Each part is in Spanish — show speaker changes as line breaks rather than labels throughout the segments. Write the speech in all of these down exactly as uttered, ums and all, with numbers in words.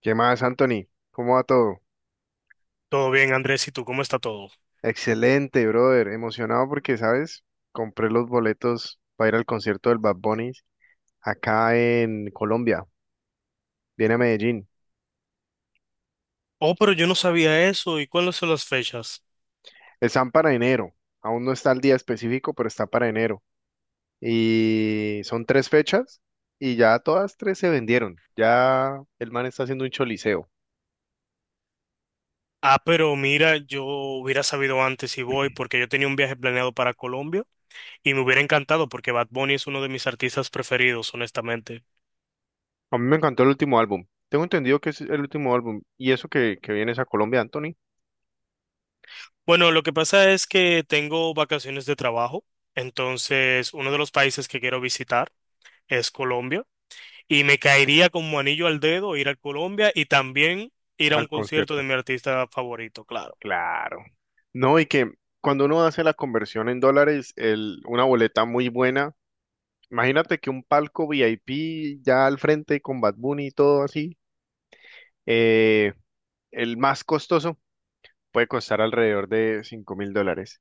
¿Qué más, Anthony? ¿Cómo va todo?
Todo bien, Andrés, ¿y tú cómo está todo?
Excelente, brother. Emocionado porque, ¿sabes? Compré los boletos para ir al concierto del Bad Bunny acá en Colombia. Viene a Medellín.
Oh, pero yo no sabía eso. ¿Y cuáles son las fechas?
Están para enero. Aún no está el día específico, pero está para enero. Y son tres fechas y ya todas tres se vendieron. Ya el man está haciendo un choliseo.
Ah, pero mira, yo hubiera sabido antes si voy porque yo tenía un viaje planeado para Colombia y me hubiera encantado porque Bad Bunny es uno de mis artistas preferidos, honestamente.
A mí me encantó el último álbum. Tengo entendido que es el último álbum. ¿Y eso que, que vienes a Colombia, Anthony?
Bueno, lo que pasa es que tengo vacaciones de trabajo, entonces uno de los países que quiero visitar es Colombia y me caería como anillo al dedo ir a Colombia y también ir a un
Al
concierto de
concierto.
mi artista favorito, claro.
Claro. No, y que cuando uno hace la conversión en dólares, el, una boleta muy buena, imagínate que un palco V I P ya al frente con Bad Bunny y todo así, eh, el más costoso puede costar alrededor de cinco mil dólares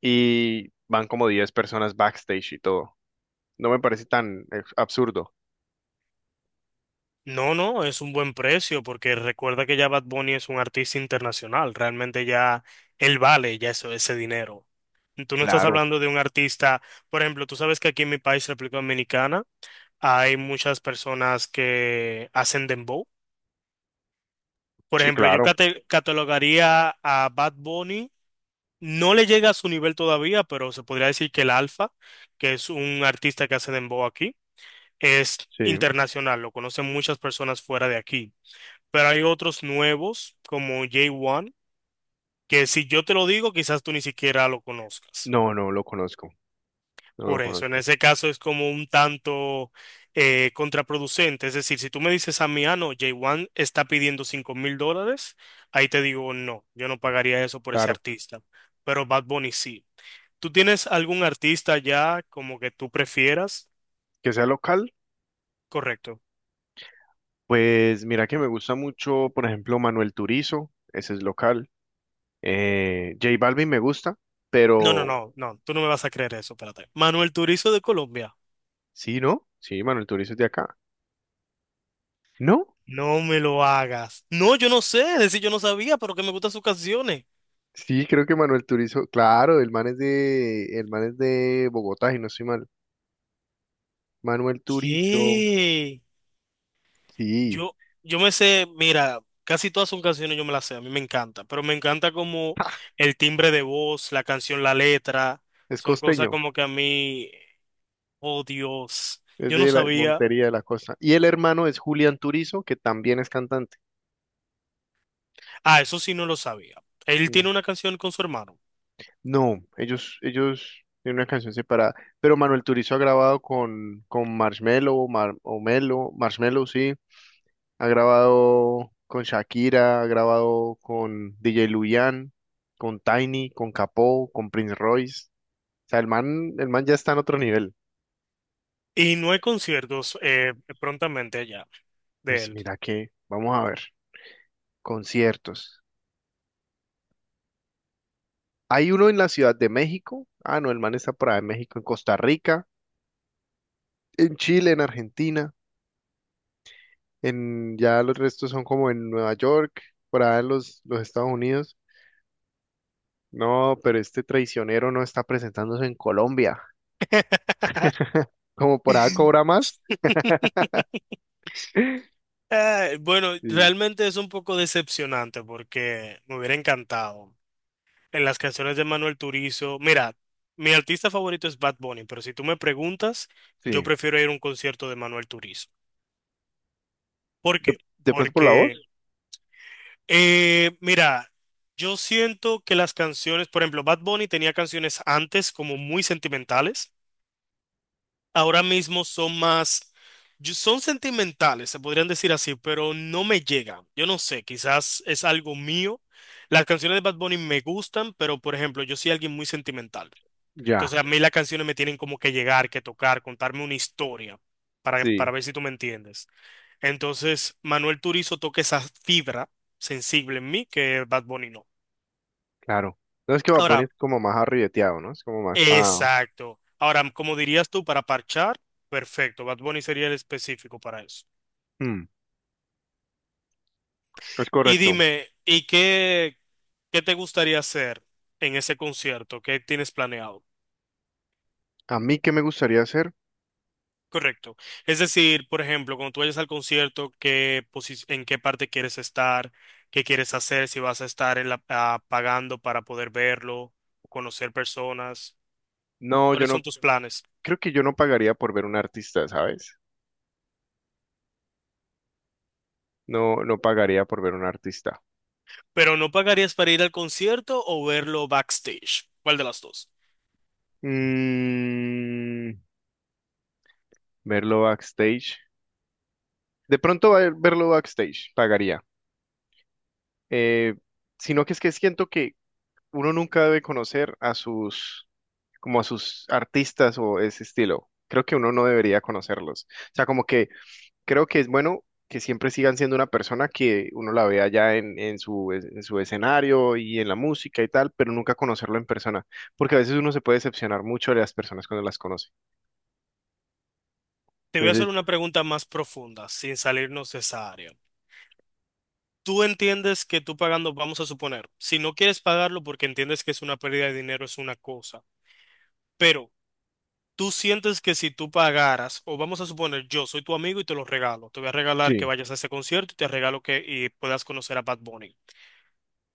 y van como diez personas backstage y todo. No me parece tan eh, absurdo.
No, no, es un buen precio porque recuerda que ya Bad Bunny es un artista internacional, realmente ya él vale ya eso, ese dinero. Tú no estás
Claro,
hablando de un artista, por ejemplo, tú sabes que aquí en mi país, República Dominicana, hay muchas personas que hacen dembow. Por
sí,
ejemplo, yo
claro,
cate- catalogaría a Bad Bunny, no le llega a su nivel todavía, pero se podría decir que el Alfa, que es un artista que hace dembow aquí, es
sí.
internacional, lo conocen muchas personas fuera de aquí. Pero hay otros nuevos como J uno, que si yo te lo digo, quizás tú ni siquiera lo conozcas.
No, no lo conozco, no lo
Por eso, en
conozco.
ese caso es como un tanto eh, contraproducente. Es decir, si tú me dices a mí, ah, no, J uno está pidiendo cinco mil dólares, ahí te digo, no, yo no pagaría eso por ese
Claro,
artista, pero Bad Bunny sí. ¿Tú tienes algún artista ya como que tú prefieras?
que sea local.
Correcto.
Pues mira que me gusta mucho, por ejemplo, Manuel Turizo, ese es local. Eh, J Balvin me gusta,
No, no,
pero
no, no, tú no me vas a creer eso, espérate. Manuel Turizo de Colombia.
sí, ¿no? Sí, Manuel Turizo es de acá. ¿No?
No me lo hagas. No, yo no sé, es decir, yo no sabía, pero que me gustan sus canciones.
Sí, creo que Manuel Turizo, claro, el man es de, el man es de Bogotá, y no estoy mal. Manuel Turizo,
¿Qué?
sí,
Yo, yo me sé, mira, casi todas sus canciones yo me las sé, a mí me encanta, pero me encanta como
¡ja!
el timbre de voz, la canción, la letra,
Es
son cosas
costeño,
como que a mí, oh Dios,
es
yo no
de la
sabía.
Montería de la Costa. Y el hermano es Julián Turizo, que también es cantante.
Ah, eso sí no lo sabía. Él
Mm.
tiene una canción con su hermano
No, ellos, ellos tienen una canción separada. Pero Manuel Turizo ha grabado con, con Marshmello, Mar- o Melo, Marshmello, sí. Ha grabado con Shakira, ha grabado con D J Luyan, con Tiny, con Capó, con Prince Royce. O sea, el man, el man ya está en otro nivel.
y no hay conciertos eh, prontamente allá de
Pues
él.
mira que, vamos a ver, conciertos. Hay uno en la Ciudad de México. Ah, no, el man está por ahí, en México, en Costa Rica, en Chile, en Argentina. En, ya los restos son como en Nueva York, por allá en los, los Estados Unidos. No, pero este traicionero no está presentándose en Colombia. Como por allá cobra más.
Eh, bueno,
Sí,
realmente es un poco decepcionante porque me hubiera encantado. En las canciones de Manuel Turizo, mira, mi artista favorito es Bad Bunny, pero si tú me preguntas, yo
sí.
prefiero ir a un concierto de Manuel Turizo. ¿Por
¿De,
qué?
de pronto por la voz?
Porque, eh, mira, yo siento que las canciones, por ejemplo, Bad Bunny tenía canciones antes como muy sentimentales. Ahora mismo son más, yo- son sentimentales, se podrían decir así, pero no me llegan. Yo no sé, quizás es algo mío. Las canciones de Bad Bunny me gustan, pero por ejemplo, yo soy alguien muy sentimental.
Ya,
Entonces a mí las canciones me tienen como que llegar, que tocar, contarme una historia, para, para
sí,
ver si tú me entiendes. Entonces, Manuel Turizo toca esa fibra sensible en mí que Bad Bunny no.
claro. No es que Bad
Ahora,
Bunny es como más arribeteado, ¿no? Es como más para...
exacto. Ahora, como dirías tú, para parchar, perfecto. Bad Bunny sería el específico para eso.
Es
Y
correcto.
dime, ¿y qué, qué te gustaría hacer en ese concierto? ¿Qué tienes planeado?
¿A mí qué me gustaría hacer?
Correcto. Es decir, por ejemplo, cuando tú vayas al concierto, ¿qué posi- en qué parte quieres estar? ¿Qué quieres hacer? Si vas a estar en la, ah, pagando para poder verlo, conocer personas.
No, yo
¿Cuáles son
no...
tus planes?
Creo que yo no pagaría por ver un artista, ¿sabes? No, no pagaría por ver un artista.
¿Pero no pagarías para ir al concierto o verlo backstage? ¿Cuál de las dos?
Mm, verlo backstage. De pronto va a verlo backstage, pagaría. Eh, Sino que es que siento que uno nunca debe conocer a sus, como a sus artistas o ese estilo. Creo que uno no debería conocerlos. O sea, como que creo que es bueno que siempre sigan siendo una persona que uno la vea ya en, en su, es- en su escenario y en la música y tal, pero nunca conocerlo en persona. Porque a veces uno se puede decepcionar mucho de las personas cuando las conoce.
Te voy a hacer
Entonces,
una pregunta más profunda, sin salirnos de esa área. Tú entiendes que tú pagando, vamos a suponer, si no quieres pagarlo porque entiendes que es una pérdida de dinero, es una cosa, pero tú sientes que si tú pagaras, o vamos a suponer, yo soy tu amigo y te lo regalo, te voy a regalar que
sí.
vayas a ese concierto y te regalo que y puedas conocer a Bad Bunny.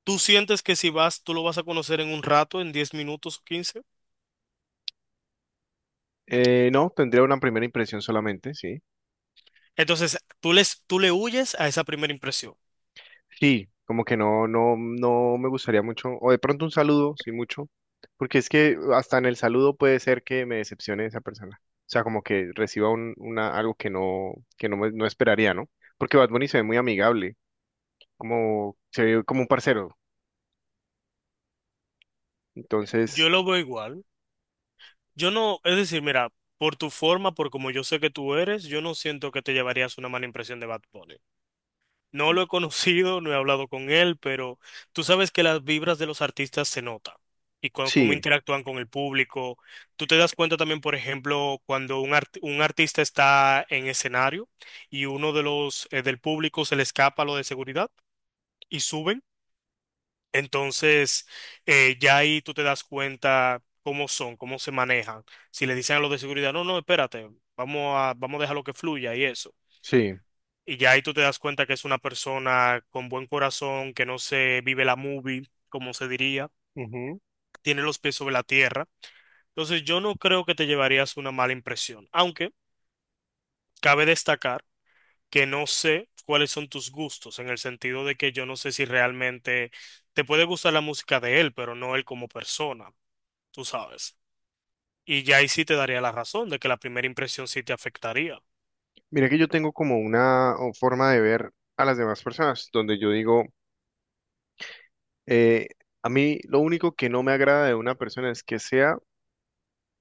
Tú sientes que si vas, tú lo vas a conocer en un rato, en diez minutos o quince.
Eh, no, tendría una primera impresión solamente, sí.
Entonces, tú les, tú le huyes a esa primera impresión.
Sí, como que no, no, no me gustaría mucho, o de pronto un saludo, sí mucho, porque es que hasta en el saludo puede ser que me decepcione esa persona. O sea, como que reciba un, una, algo que no, que no, me- no esperaría, ¿no? Porque Bad Bunny se ve muy amigable, como, se ve como un parcero. Entonces,
Yo lo veo igual. Yo no, es decir, mira, por tu forma, por como yo sé que tú eres, yo no siento que te llevarías una mala impresión de Bad Bunny. No lo he conocido, no he hablado con él, pero tú sabes que las vibras de los artistas se notan y cu- cómo
sí,
interactúan con el público. Tú te das cuenta también, por ejemplo, cuando un, art- un artista está en escenario y uno de los eh, del público se le escapa lo de seguridad y suben. Entonces, eh, ya ahí tú te das cuenta cómo son, cómo se manejan. Si le dicen a los de seguridad, no, no, espérate, vamos a, vamos a dejar lo que fluya y eso.
sí.
Y ya ahí tú te das cuenta que es una persona con buen corazón, que no se vive la movie, como se diría,
Ujú.
tiene los pies sobre la tierra. Entonces yo no creo que te llevarías una mala impresión, aunque cabe destacar que no sé cuáles son tus gustos, en el sentido de que yo no sé si realmente te puede gustar la música de él, pero no él como persona, tú sabes. Y ya ahí sí te daría la razón de que la primera impresión sí te afectaría.
Mira que yo tengo como una o, forma de ver a las demás personas, donde yo digo, eh, a mí lo único que no me agrada de una persona es que sea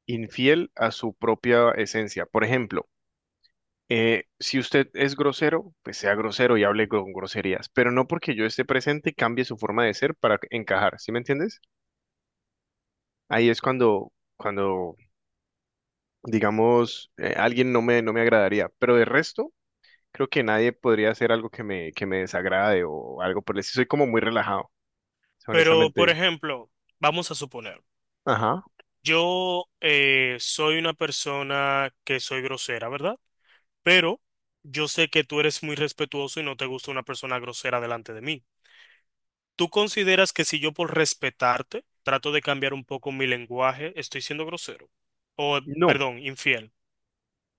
infiel a su propia esencia. Por ejemplo, eh, si usted es grosero, pues sea grosero y hable con groserías, pero no porque yo esté presente cambie su forma de ser para encajar, ¿sí me entiendes? Ahí es cuando, cuando digamos, eh, alguien no me, no me agradaría, pero de resto, creo que nadie podría hacer algo que me, que me desagrade o algo por el estilo. Soy como muy relajado, o sea,
Pero, por
honestamente.
ejemplo, vamos a suponer.
Ajá.
Yo eh, soy una persona que soy grosera, ¿verdad? Pero yo sé que tú eres muy respetuoso y no te gusta una persona grosera delante de mí. ¿Tú consideras que si yo por respetarte trato de cambiar un poco mi lenguaje, estoy siendo grosero? O,
No.
perdón, infiel.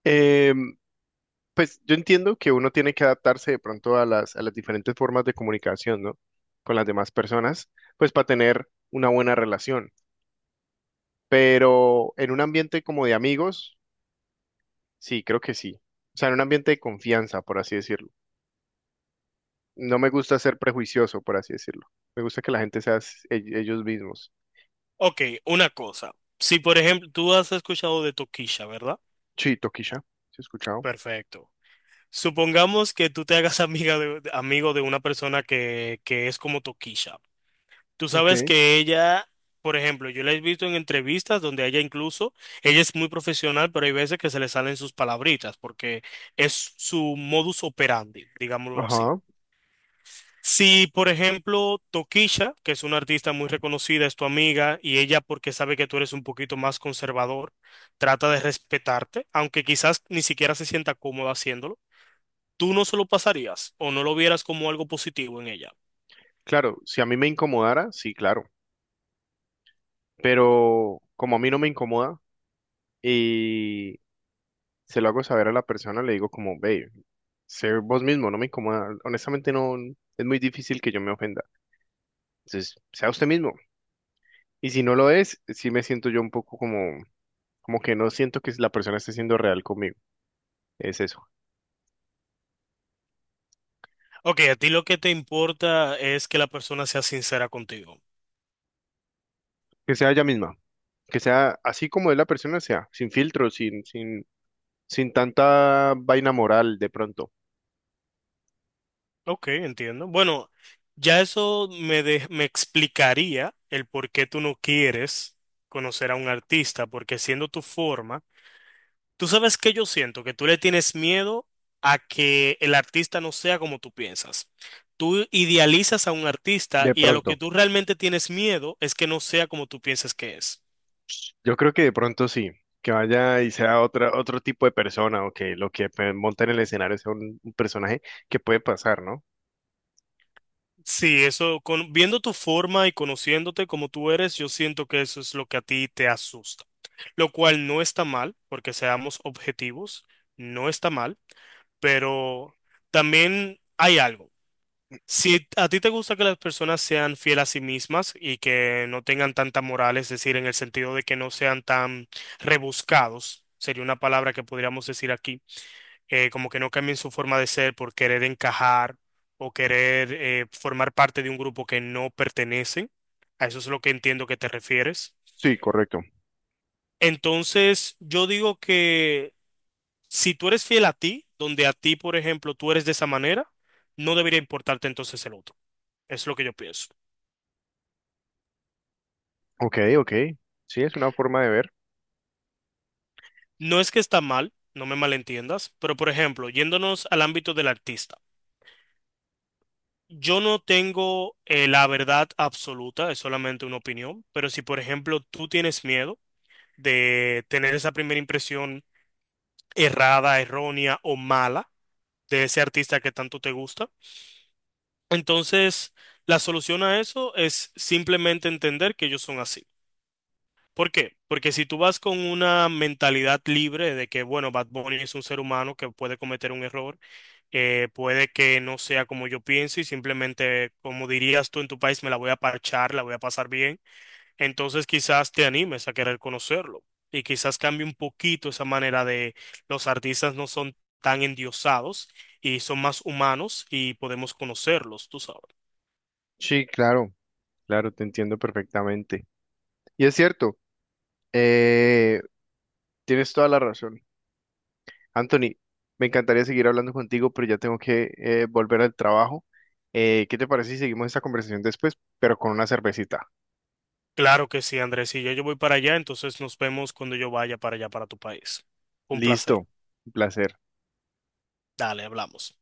Em, Pues yo entiendo que uno tiene que adaptarse de pronto a las, a las diferentes formas de comunicación, ¿no? Con las demás personas, pues para tener una buena relación. Pero en un ambiente como de amigos, sí, creo que sí. O sea, en un ambiente de confianza, por así decirlo. No me gusta ser prejuicioso, por así decirlo. Me gusta que la gente sea s- ell- ellos mismos.
Ok, una cosa. Si, por ejemplo, tú has escuchado de Toquilla, ¿verdad?
Sí, Tokisha, ¿sí he escuchado?
Perfecto. Supongamos que tú te hagas amiga de, de- amigo de una persona que, que es como Toquilla. Tú
Ok,
sabes que ella, por ejemplo, yo la he visto en entrevistas donde ella incluso, ella es muy profesional, pero hay veces que se le salen sus palabritas porque es su modus operandi, digámoslo así.
ajá.
Si, por ejemplo, Tokisha, que es una artista muy reconocida, es tu amiga y ella, porque sabe que tú eres un poquito más conservador, trata de respetarte, aunque quizás ni siquiera se sienta cómoda haciéndolo, tú no se lo pasarías o no lo vieras como algo positivo en ella.
Claro, si a mí me incomodara, sí, claro. Pero como a mí no me incomoda, se lo hago saber a la persona, le digo como, ve, sé vos mismo, no me incomoda. Honestamente, no, es muy difícil que yo me ofenda. Entonces, sea usted mismo. Y si no lo es, sí me siento yo un poco como, como que no siento que la persona esté siendo real conmigo. Es eso.
Ok, a ti lo que te importa es que la persona sea sincera contigo.
Que sea ella misma. Que sea así como es la persona, sea, sin filtro, sin, sin, sin tanta vaina moral, de pronto.
Ok, entiendo. Bueno, ya eso me, de- me explicaría el por qué tú no quieres conocer a un artista, porque siendo tu forma, tú sabes que yo siento que tú le tienes miedo a que el artista no sea como tú piensas. Tú idealizas a un artista
De
y a lo que
pronto.
tú realmente tienes miedo es que no sea como tú piensas que es.
Yo creo que de pronto sí. Que vaya y sea otra, otro tipo de persona o que lo que pues, monta en el escenario sea un un personaje que puede pasar, ¿no?
Sí, eso, con, viendo tu forma y conociéndote como tú eres, yo siento que eso es lo que a ti te asusta. Lo cual no está mal, porque seamos objetivos, no está mal, pero también hay algo. Si a ti te gusta que las personas sean fieles a sí mismas y que no tengan tanta moral, es decir, en el sentido de que no sean tan rebuscados, sería una palabra que podríamos decir aquí eh, como que no cambien su forma de ser por querer encajar o querer eh, formar parte de un grupo que no pertenecen. A eso es lo que entiendo que te refieres.
Sí, correcto.
Entonces, yo digo que si tú eres fiel a ti, donde a ti, por ejemplo, tú eres de esa manera, no debería importarte entonces el otro. Es lo que yo pienso.
Ok, ok. Sí, es una forma de ver.
No es que está mal, no me malentiendas, pero por ejemplo, yéndonos al ámbito del artista. Yo no tengo eh, la verdad absoluta, es solamente una opinión, pero si por ejemplo tú tienes miedo, de tener esa primera impresión errada, errónea o mala de ese artista que tanto te gusta. Entonces, la solución a eso es simplemente entender que ellos son así. ¿Por qué? Porque si tú vas con una mentalidad libre de que, bueno, Bad Bunny es un ser humano que puede cometer un error, eh, puede que no sea como yo pienso y simplemente, como dirías tú en tu país, me la voy a parchar, la voy a pasar bien, entonces quizás te animes a querer conocerlo y quizás cambie un poquito esa manera de los artistas no son tan endiosados y son más humanos y podemos conocerlos, tú sabes.
Sí, claro, claro, te entiendo perfectamente. Y es cierto, eh, tienes toda la razón. Anthony, me encantaría seguir hablando contigo, pero ya tengo que eh, volver al trabajo. Eh, ¿qué te parece si seguimos esta conversación después, pero con una cervecita?
Claro que sí, Andrés. Si yo, yo voy para allá, entonces nos vemos cuando yo vaya para allá, para tu país. Un placer.
Listo, un placer.
Dale, hablamos.